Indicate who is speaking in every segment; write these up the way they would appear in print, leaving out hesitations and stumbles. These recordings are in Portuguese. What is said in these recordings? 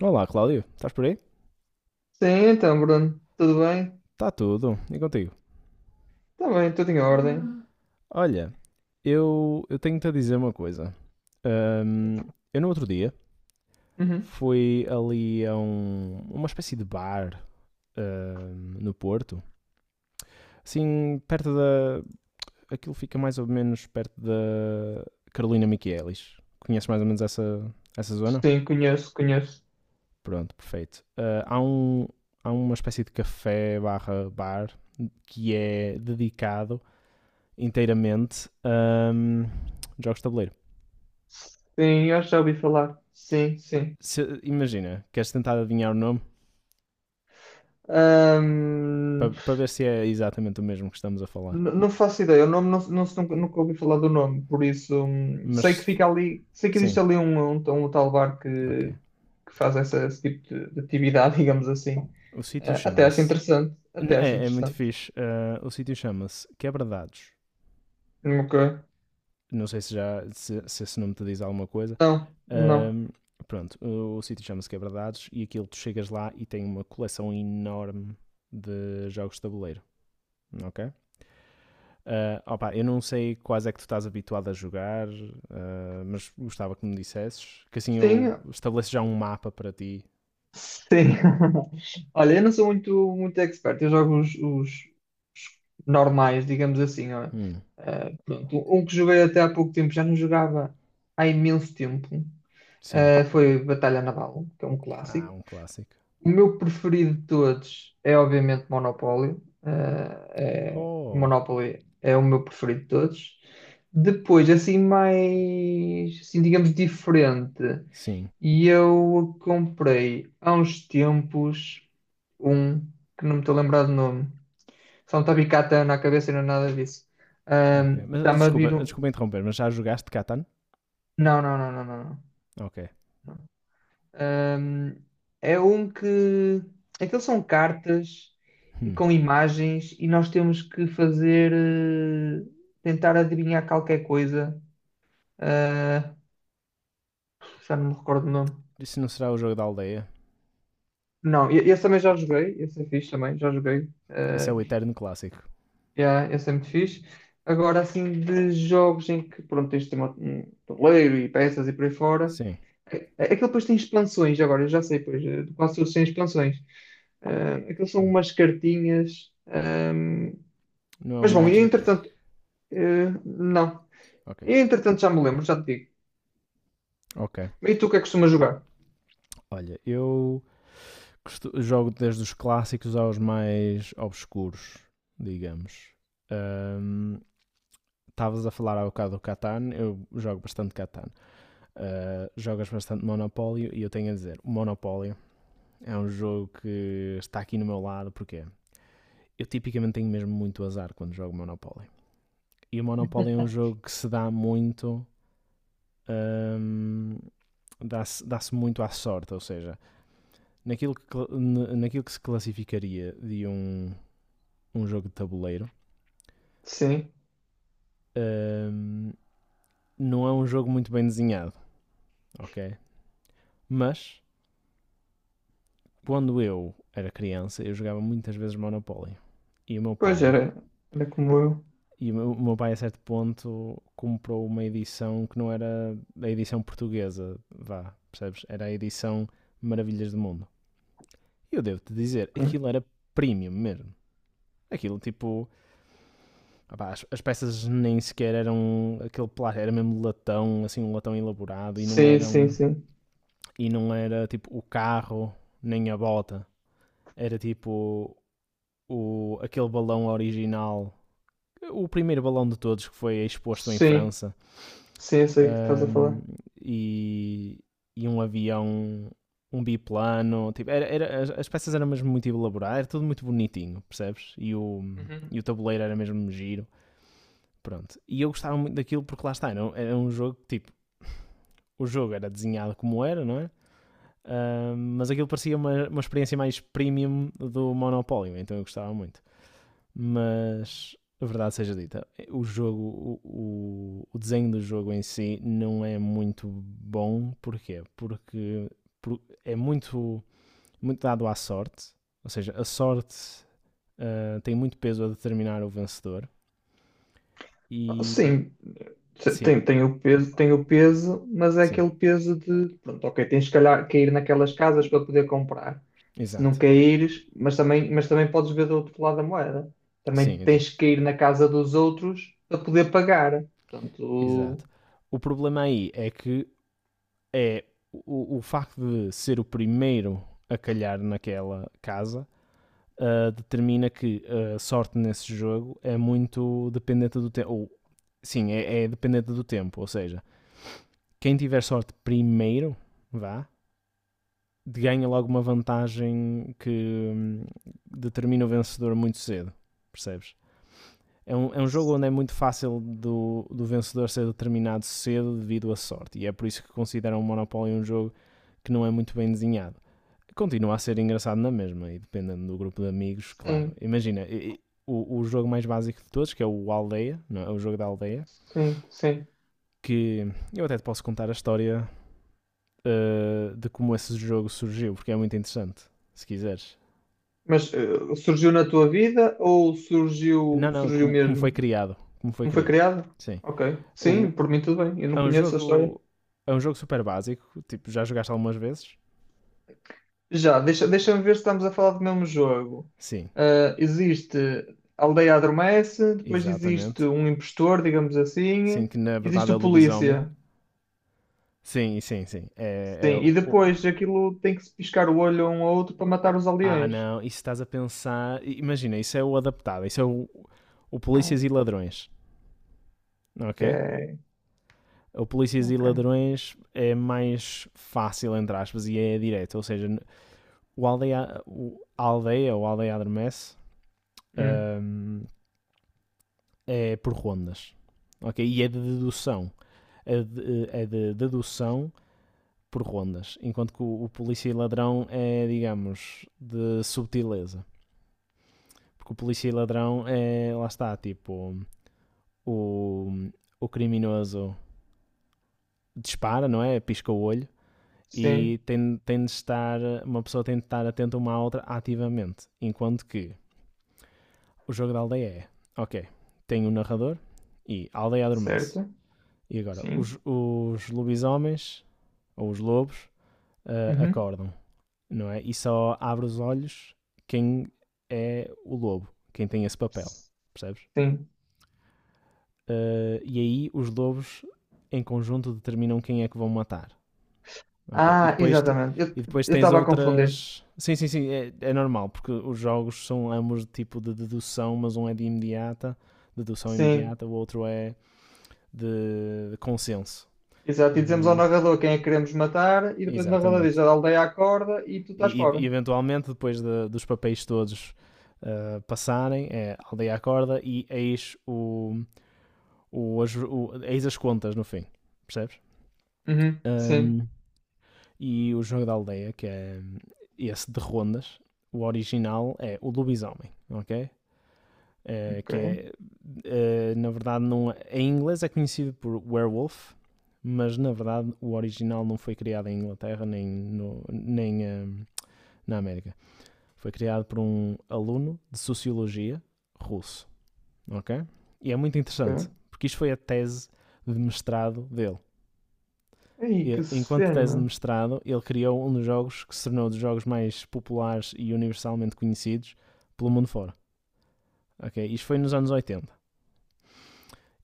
Speaker 1: Olá, Cláudio. Estás por aí?
Speaker 2: Sim, então, Bruno, tudo bem?
Speaker 1: Está tudo. E contigo?
Speaker 2: Está bem, tudo em ordem. Hum.
Speaker 1: Olha, eu tenho-te a dizer uma coisa. Ahm,
Speaker 2: Então,
Speaker 1: eu no outro dia
Speaker 2: uhum.
Speaker 1: fui ali a uma espécie de bar no Porto. Assim, perto da... Aquilo fica mais ou menos perto da Carolina Miquelis. Conheces mais ou menos essa zona?
Speaker 2: Sim, conheço, conheço.
Speaker 1: Pronto, perfeito. Ah, há uma espécie de café barra bar que é dedicado inteiramente jogos de tabuleiro.
Speaker 2: Sim, eu já ouvi falar. Sim, sim.
Speaker 1: Imagina, queres tentar adivinhar o nome para
Speaker 2: Ahm,
Speaker 1: para ver se é exatamente o mesmo que estamos a falar.
Speaker 2: não faço ideia, o nome não, não, nunca ouvi falar do nome, por isso sei que
Speaker 1: Mas
Speaker 2: fica ali, sei que existe
Speaker 1: sim,
Speaker 2: ali um tal bar que,
Speaker 1: ok.
Speaker 2: faz esse tipo de atividade, digamos assim.
Speaker 1: O sítio
Speaker 2: Ah, até acho
Speaker 1: chama-se.
Speaker 2: interessante, até
Speaker 1: Não,
Speaker 2: acho
Speaker 1: é, é muito
Speaker 2: interessante.
Speaker 1: fixe. Ah, o sítio chama-se Quebradados.
Speaker 2: Nunca.
Speaker 1: Não sei se já se, se esse nome te diz alguma coisa.
Speaker 2: Não, não.
Speaker 1: Ahm, Pronto, o sítio chama-se Quebradados e aquilo tu chegas lá e tem uma coleção enorme de jogos de tabuleiro, ok? Ah, opa, eu não sei quais é que tu estás habituado a jogar, ah, mas gostava que me dissesses, que assim eu
Speaker 2: Sim,
Speaker 1: estabeleço já um mapa para ti.
Speaker 2: sim. Olha, eu não sou muito, muito expert, eu jogo os normais, digamos assim. Ó.
Speaker 1: Hum,
Speaker 2: Pronto, um que joguei até há pouco tempo, já não jogava há imenso tempo,
Speaker 1: sim.
Speaker 2: foi Batalha Naval, que é um
Speaker 1: Ah,
Speaker 2: clássico.
Speaker 1: um clássico.
Speaker 2: O meu preferido de todos é, obviamente, Monopólio. Eh, é-
Speaker 1: Oh,
Speaker 2: Monopoly é o meu preferido de todos. Depois, assim, mais, assim, digamos, diferente.
Speaker 1: sim.
Speaker 2: E eu comprei há uns tempos um que não me estou a lembrar do nome. Só me está na cabeça e não é nada disso.
Speaker 1: Ok.
Speaker 2: Ahm,
Speaker 1: Mas ah,
Speaker 2: está-me a
Speaker 1: desculpa,
Speaker 2: vir um.
Speaker 1: desculpa interromper, mas já jogaste Catan?
Speaker 2: Não, não, não, não, não, não.
Speaker 1: Ok.
Speaker 2: Não. Ahm, é um que. Aqueles são cartas e
Speaker 1: Hum.
Speaker 2: com imagens e nós temos que fazer, tentar adivinhar qualquer coisa. Ah, já não me recordo o nome.
Speaker 1: Isso não será o jogo da aldeia?
Speaker 2: Não, esse também já joguei. Esse é fixe também, já joguei.
Speaker 1: Esse é
Speaker 2: Ah.
Speaker 1: o eterno clássico.
Speaker 2: Yeah, esse é muito fixe. Agora, assim, de jogos em que, pronto, tens de ter um tabuleiro e peças e por aí fora.
Speaker 1: Sim.
Speaker 2: Aquele depois tem expansões, agora, eu já sei, pois, quase todos têm expansões. Aquilo são
Speaker 1: Hum.
Speaker 2: umas cartinhas,
Speaker 1: Não é o
Speaker 2: mas bom, e
Speaker 1: Magic?
Speaker 2: entretanto, não.
Speaker 1: Ok.
Speaker 2: E entretanto já me lembro, já te digo.
Speaker 1: Ok.
Speaker 2: E tu o que é que costumas jogar?
Speaker 1: Olha, eu jogo desde os clássicos aos mais obscuros, digamos. Ahm, Estavas um, a falar há bocado do Catan, eu jogo bastante Catan. Ah, jogas bastante Monopólio e eu tenho a dizer, o Monopólio é um jogo que está aqui no meu lado, porque eu tipicamente tenho mesmo muito azar quando jogo Monopólio. E o Monopólio é um jogo que se dá muito... ahm, dá-se muito à sorte, ou seja, naquilo que, naquilo que se classificaria de um jogo de tabuleiro,
Speaker 2: Sim,
Speaker 1: hum, não é um jogo muito bem desenhado, ok? Mas quando eu era criança, eu jogava muitas vezes Monopoly. E o meu
Speaker 2: pois
Speaker 1: pai,
Speaker 2: era como eu.
Speaker 1: e o meu, Pai a certo ponto comprou uma edição que não era a edição portuguesa, vá, percebes? Era a edição Maravilhas do Mundo. E eu devo-te dizer,
Speaker 2: Ok.
Speaker 1: aquilo era premium mesmo. Aquilo tipo, ah as peças nem sequer eram aquele plástico, era mesmo latão, assim, um latão elaborado e não
Speaker 2: Sim, sim,
Speaker 1: eram
Speaker 2: sim.
Speaker 1: E não era tipo o carro nem a bota. Era tipo aquele balão original. O primeiro balão de todos que foi exposto em
Speaker 2: Sim,
Speaker 1: França.
Speaker 2: sim, eu sei o que estás a
Speaker 1: Ahm,
Speaker 2: falar.
Speaker 1: e, e um avião, um biplano. Tipo, peças eram mesmo muito elaboradas. Era tudo muito bonitinho, percebes? E
Speaker 2: Uhum.
Speaker 1: o tabuleiro era mesmo giro. Pronto. E eu gostava muito daquilo porque lá está. Era um jogo que tipo. O jogo era desenhado como era, não é? Ah, mas aquilo parecia uma experiência mais premium do Monopólio, então eu gostava muito. Mas a verdade seja dita, o jogo, o, desenho do jogo em si não é muito bom. Porquê? Porque é muito dado à sorte. Ou seja, a sorte ah, tem muito peso a determinar o vencedor. E
Speaker 2: Sim,
Speaker 1: sim,
Speaker 2: tem o peso, tem o peso, mas é
Speaker 1: sim,
Speaker 2: aquele peso de, pronto, ok, tens que calhar cair naquelas casas para poder comprar. Se não
Speaker 1: exato.
Speaker 2: caíres, mas também podes ver do outro lado da moeda. Também
Speaker 1: Sim, então,
Speaker 2: tens que cair na casa dos outros para poder pagar. Portanto,
Speaker 1: exato. O problema aí é que é o facto de ser o primeiro a calhar naquela casa ah, determina que a sorte nesse jogo é muito dependente do tempo. Ou, sim, é, é dependente do tempo. Ou seja, quem tiver sorte primeiro, vá, ganha logo uma vantagem que hum, determina o vencedor muito cedo. Percebes? É um jogo onde é muito fácil do vencedor ser determinado cedo devido à sorte. E é por isso que consideram o Monopoly um jogo que não é muito bem desenhado. Continua a ser engraçado na mesma e dependendo do grupo de amigos, claro.
Speaker 2: sim,
Speaker 1: Imagina, o jogo mais básico de todos, que é o Aldeia, não é? O jogo da Aldeia,
Speaker 2: sim, sim.
Speaker 1: que eu até te posso contar a história eh, de como esse jogo surgiu, porque é muito interessante, se quiseres.
Speaker 2: Mas surgiu na tua vida ou
Speaker 1: Não,
Speaker 2: surgiu,
Speaker 1: não,
Speaker 2: surgiu
Speaker 1: como, como foi
Speaker 2: mesmo?
Speaker 1: criado. Como foi
Speaker 2: Como foi
Speaker 1: criado.
Speaker 2: criado?
Speaker 1: Sim.
Speaker 2: Ok, sim,
Speaker 1: O,
Speaker 2: por mim tudo bem. Eu não
Speaker 1: é um
Speaker 2: conheço a história.
Speaker 1: jogo. É um jogo super básico. Tipo, já jogaste algumas vezes?
Speaker 2: Já, deixa-me ver se estamos a falar do mesmo jogo.
Speaker 1: Sim,
Speaker 2: Ah, existe a aldeia adormece, depois existe
Speaker 1: exatamente.
Speaker 2: um impostor, digamos assim,
Speaker 1: Sim, que na
Speaker 2: existe
Speaker 1: verdade é o
Speaker 2: o
Speaker 1: lobisomem.
Speaker 2: polícia.
Speaker 1: Sim, sim, sim.
Speaker 2: Sim, e depois aquilo tem que se piscar o olho um ao outro para matar os
Speaker 1: Ah,
Speaker 2: aldeões.
Speaker 1: não, isso estás a pensar. Imagina, isso é o adaptado, o
Speaker 2: Ah,
Speaker 1: Polícias e Ladrões, ok?
Speaker 2: ok,
Speaker 1: O Polícias e
Speaker 2: ok.
Speaker 1: Ladrões é mais fácil, entre aspas, e é direto. Ou seja, o aldeia ou aldeia adormece
Speaker 2: Hum,
Speaker 1: hum, é por rondas, ok? E é de dedução. É de dedução por rondas. Enquanto que o Polícia e Ladrão é, digamos, de subtileza. Porque o Polícia e Ladrão é, lá está, tipo o, o criminoso dispara, não é? Pisca o olho
Speaker 2: sim,
Speaker 1: e tem de estar, uma pessoa tem de estar atenta uma à outra ativamente. Enquanto que o jogo da aldeia é, ok, tem um narrador e a aldeia adormece.
Speaker 2: certo.
Speaker 1: E agora,
Speaker 2: Sim.
Speaker 1: os lobisomens, ou os lobos, ah,
Speaker 2: Uhum.
Speaker 1: acordam, não é? E só abre os olhos quem é o lobo, quem tem esse papel, percebes?
Speaker 2: Sim.
Speaker 1: Ah, e aí os lobos, em conjunto, determinam quem é que vão matar. Ok.
Speaker 2: Ah, exatamente. Eu
Speaker 1: E depois
Speaker 2: eu
Speaker 1: tens
Speaker 2: estava a confundir.
Speaker 1: outras. Sim, sim, sim. É, é normal, porque os jogos são ambos de tipo de dedução, mas um é de imediata, dedução
Speaker 2: Sim,
Speaker 1: imediata, o outro é de consenso.
Speaker 2: exato. E dizemos ao
Speaker 1: Ahm,
Speaker 2: narrador quem é que queremos matar, e depois o narrador diz
Speaker 1: Exatamente.
Speaker 2: a aldeia acorda e tu estás fora.
Speaker 1: Eventualmente, dos papéis todos ah, passarem, é aldeia acorda e eis, o, as, o- eis as contas no fim. Percebes?
Speaker 2: Uhum, sim,
Speaker 1: Ahm, E o jogo da aldeia, que é esse de rondas, o original é o Lobisomem, ok? Eh,
Speaker 2: ok,
Speaker 1: que é, Na verdade, não, é, em inglês é conhecido por Werewolf, mas na verdade o original não foi criado em Inglaterra nem na América. Foi criado por um aluno de Sociologia russo, ok? E é muito interessante,
Speaker 2: ok.
Speaker 1: porque isto foi a tese de mestrado dele.
Speaker 2: Aí, que
Speaker 1: Enquanto tese de
Speaker 2: cena.
Speaker 1: mestrado, ele criou um dos jogos que se tornou um dos jogos mais populares e universalmente conhecidos pelo mundo fora. Ok? Isto foi nos anos 80.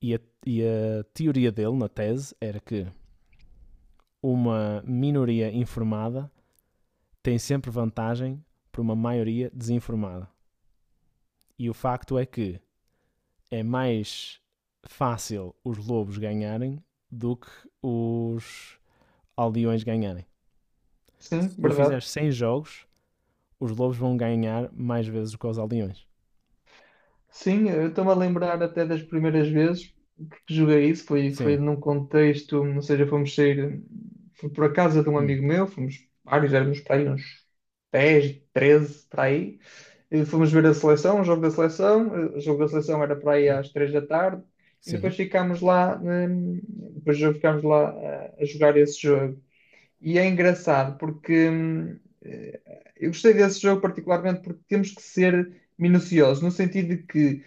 Speaker 1: E a, e a teoria dele, na tese, era que uma minoria informada tem sempre vantagem por uma maioria desinformada. E o facto é que é mais fácil os lobos ganharem do que os aldeões ganharem.
Speaker 2: Sim,
Speaker 1: Se tu
Speaker 2: verdade.
Speaker 1: fizeres 100 jogos, os lobos vão ganhar mais vezes do que os aldeões.
Speaker 2: Sim, eu estou-me a lembrar até das primeiras vezes que joguei isso, foi
Speaker 1: Sim.
Speaker 2: num contexto, ou seja, fomos sair, fui por a casa de um
Speaker 1: Hum.
Speaker 2: amigo meu, fomos vários, éramos para aí uns 10, 13 para aí, e fomos ver a seleção, o jogo da seleção, o jogo da seleção era para aí às 3 da tarde, e depois
Speaker 1: Sim.
Speaker 2: ficámos lá, depois ficámos lá a jogar esse jogo. E é engraçado porque eu gostei desse jogo particularmente porque temos que ser minuciosos, no sentido de que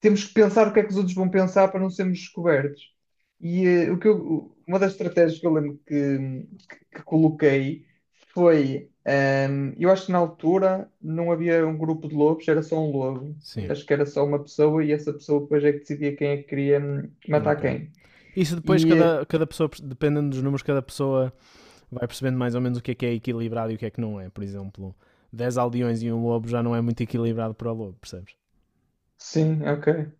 Speaker 2: temos que pensar o que é que os outros vão pensar para não sermos descobertos. E uma das estratégias que eu lembro que, que coloquei foi, eu acho que na altura não havia um grupo de lobos, era só um lobo. Eu
Speaker 1: Sim.
Speaker 2: acho que era só uma pessoa e essa pessoa depois é que decidia quem é que queria matar
Speaker 1: Ok.
Speaker 2: quem.
Speaker 1: Isso depois
Speaker 2: E
Speaker 1: cada pessoa, dependendo dos números, cada pessoa vai percebendo mais ou menos o que é equilibrado e o que é que não é. Por exemplo, 10 aldeões e um lobo já não é muito equilibrado para o lobo, percebes?
Speaker 2: sim, ok.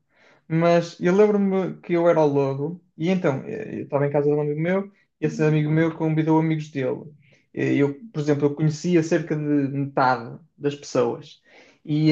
Speaker 2: Mas eu lembro-me que eu era o lobo, e então eu estava em casa de um amigo meu, e esse amigo meu convidou amigos dele. Eu, por exemplo, eu conhecia cerca de metade das pessoas. E,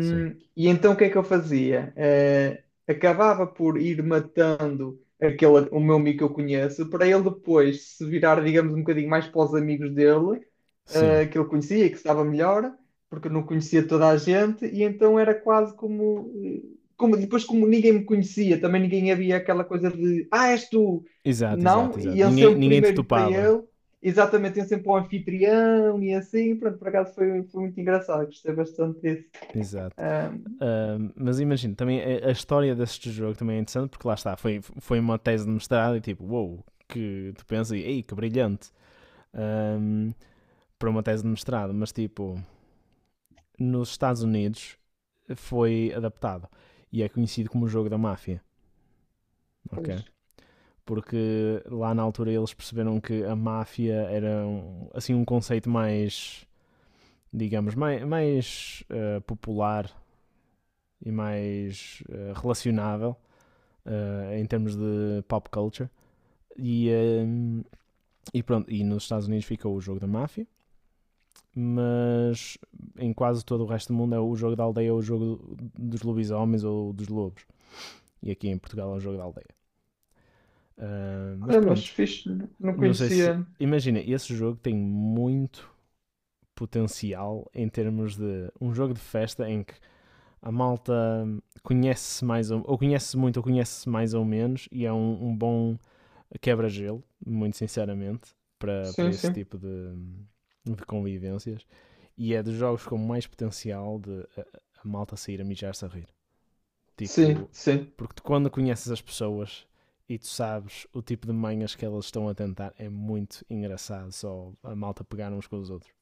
Speaker 1: Sim.
Speaker 2: e então o que é que eu fazia? Acabava por ir matando aquele, o meu amigo que eu conheço, para ele depois se virar, digamos, um bocadinho mais para os amigos dele,
Speaker 1: Sim.
Speaker 2: que ele conhecia e que estava melhor porque eu não conhecia toda a gente, e então era quase como como, depois, como ninguém me conhecia, também ninguém havia aquela coisa de ah, és tu.
Speaker 1: Exato, exato,
Speaker 2: Não,
Speaker 1: exato.
Speaker 2: iam
Speaker 1: Ninguém,
Speaker 2: sempre
Speaker 1: ninguém te
Speaker 2: primeiro para
Speaker 1: topava.
Speaker 2: ele, exatamente, iam sempre para o anfitrião e assim. Pronto, por acaso foi muito engraçado, gostei bastante disso.
Speaker 1: Exato.
Speaker 2: Ah,
Speaker 1: Mas imagino, também a história deste jogo também é interessante porque lá está, foi, foi uma tese de mestrado e tipo, uou, wow, que tu pensas e ei, que brilhante. Ahm, Para uma tese de mestrado, mas tipo, nos Estados Unidos foi adaptado e é conhecido como o jogo da máfia, ok?
Speaker 2: pois.
Speaker 1: Porque lá na altura eles perceberam que a máfia era assim um conceito mais, digamos, mais popular e mais relacionável em termos de pop culture. E, eh, e pronto, e nos Estados Unidos ficou o jogo da máfia, mas em quase todo o resto do mundo é o jogo da aldeia ou o jogo dos lobisomens ou dos lobos. E aqui em Portugal é o jogo da aldeia. Ah, mas
Speaker 2: É, mas
Speaker 1: pronto,
Speaker 2: fixe, não
Speaker 1: não sei se.
Speaker 2: conhecia.
Speaker 1: Imagina, esse jogo tem muito potencial em termos de um jogo de festa em que a malta conhece-se mais ou conhece muito ou conhece-se mais ou menos e é um bom quebra-gelo, muito sinceramente, para
Speaker 2: Sim,
Speaker 1: esse
Speaker 2: sim.
Speaker 1: tipo de convivências. E é dos jogos com mais potencial de a malta sair a mijar-se a rir.
Speaker 2: Sim,
Speaker 1: Tipo,
Speaker 2: sim.
Speaker 1: porque tu, quando conheces as pessoas e tu sabes o tipo de manhas que elas estão a tentar, é muito engraçado só a malta pegar uns com os outros.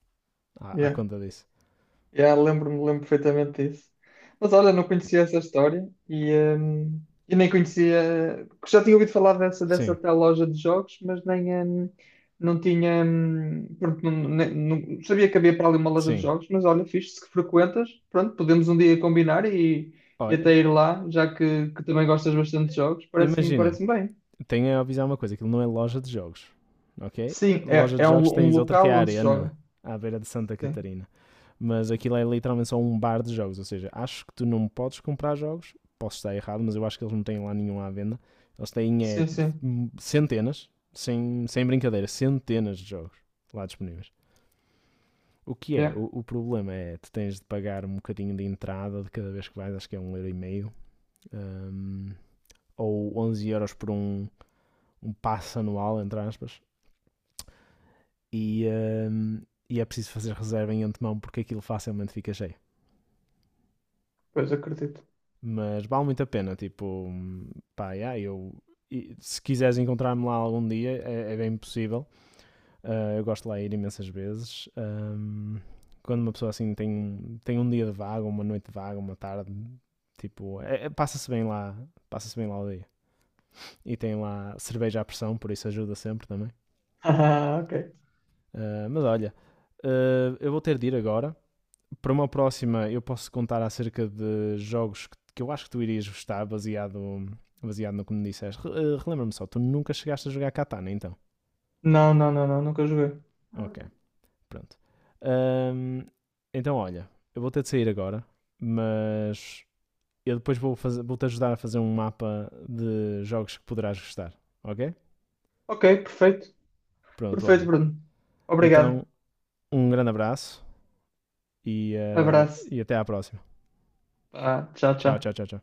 Speaker 1: À
Speaker 2: Yeah.
Speaker 1: conta disso.
Speaker 2: Yeah, lembro-me, lembro perfeitamente disso. Mas olha, não conhecia essa história e nem conhecia. Já tinha ouvido falar dessa
Speaker 1: Sim,
Speaker 2: tal loja de jogos, mas nem, não tinha. Pronto, não, sabia que havia para ali uma loja de
Speaker 1: sim.
Speaker 2: jogos, mas olha, fixe, se que frequentas, pronto, podemos um dia combinar e
Speaker 1: Olha,
Speaker 2: até ir lá, já que, também gostas bastante de jogos,
Speaker 1: imagina,
Speaker 2: parece-me bem.
Speaker 1: tenho a avisar uma coisa: aquilo não é loja de jogos, ok?
Speaker 2: Sim,
Speaker 1: Loja de
Speaker 2: é
Speaker 1: jogos
Speaker 2: um
Speaker 1: tens outra que é
Speaker 2: local
Speaker 1: a
Speaker 2: onde se joga.
Speaker 1: Arena, à beira de Santa
Speaker 2: Sim,
Speaker 1: Catarina. Mas aquilo é literalmente só um bar de jogos. Ou seja, acho que tu não podes comprar jogos. Posso estar errado, mas eu acho que eles não têm lá nenhum à venda. Eles têm é,
Speaker 2: sim, sim.
Speaker 1: centenas, sem brincadeira, centenas de jogos lá disponíveis. O que é?
Speaker 2: Yeah,
Speaker 1: O problema é tu tens de pagar um bocadinho de entrada de cada vez que vais, acho que é um euro e meio, hum, ou 11 € por um passo anual, entre aspas, e, hum, e é preciso fazer reserva em antemão porque aquilo facilmente fica cheio.
Speaker 2: pois acredito.
Speaker 1: Mas vale muito a pena, tipo, pá, yeah, eu, se quiseres encontrar-me lá algum dia, é, é bem possível. Eu gosto de lá ir imensas vezes. Um, quando uma pessoa assim tem um dia de vaga, uma noite de vaga, uma tarde, tipo, passa-se bem lá o dia. E tem lá cerveja à pressão, por isso ajuda sempre também.
Speaker 2: Ah, ok.
Speaker 1: Mas olha, eu vou ter de ir agora. Para uma próxima, eu posso contar acerca de jogos que eu acho que tu irias gostar, baseado, baseado no que me disseste. Relembra-me só, tu nunca chegaste a jogar Katana, então?
Speaker 2: Não, não, não, não, nunca joguei.
Speaker 1: Ok, pronto. Ahm, então, olha, eu vou ter de sair agora, mas eu depois vou-te ajudar a fazer um mapa de jogos que poderás gostar, ok?
Speaker 2: Ok, perfeito.
Speaker 1: Pronto,
Speaker 2: Perfeito,
Speaker 1: olha.
Speaker 2: Bruno. Obrigado.
Speaker 1: Então, um grande abraço e, eh,
Speaker 2: Abraço.
Speaker 1: e até à próxima.
Speaker 2: Ah, tchau,
Speaker 1: Tchau, tchau,
Speaker 2: tchau.
Speaker 1: tchau, tchau.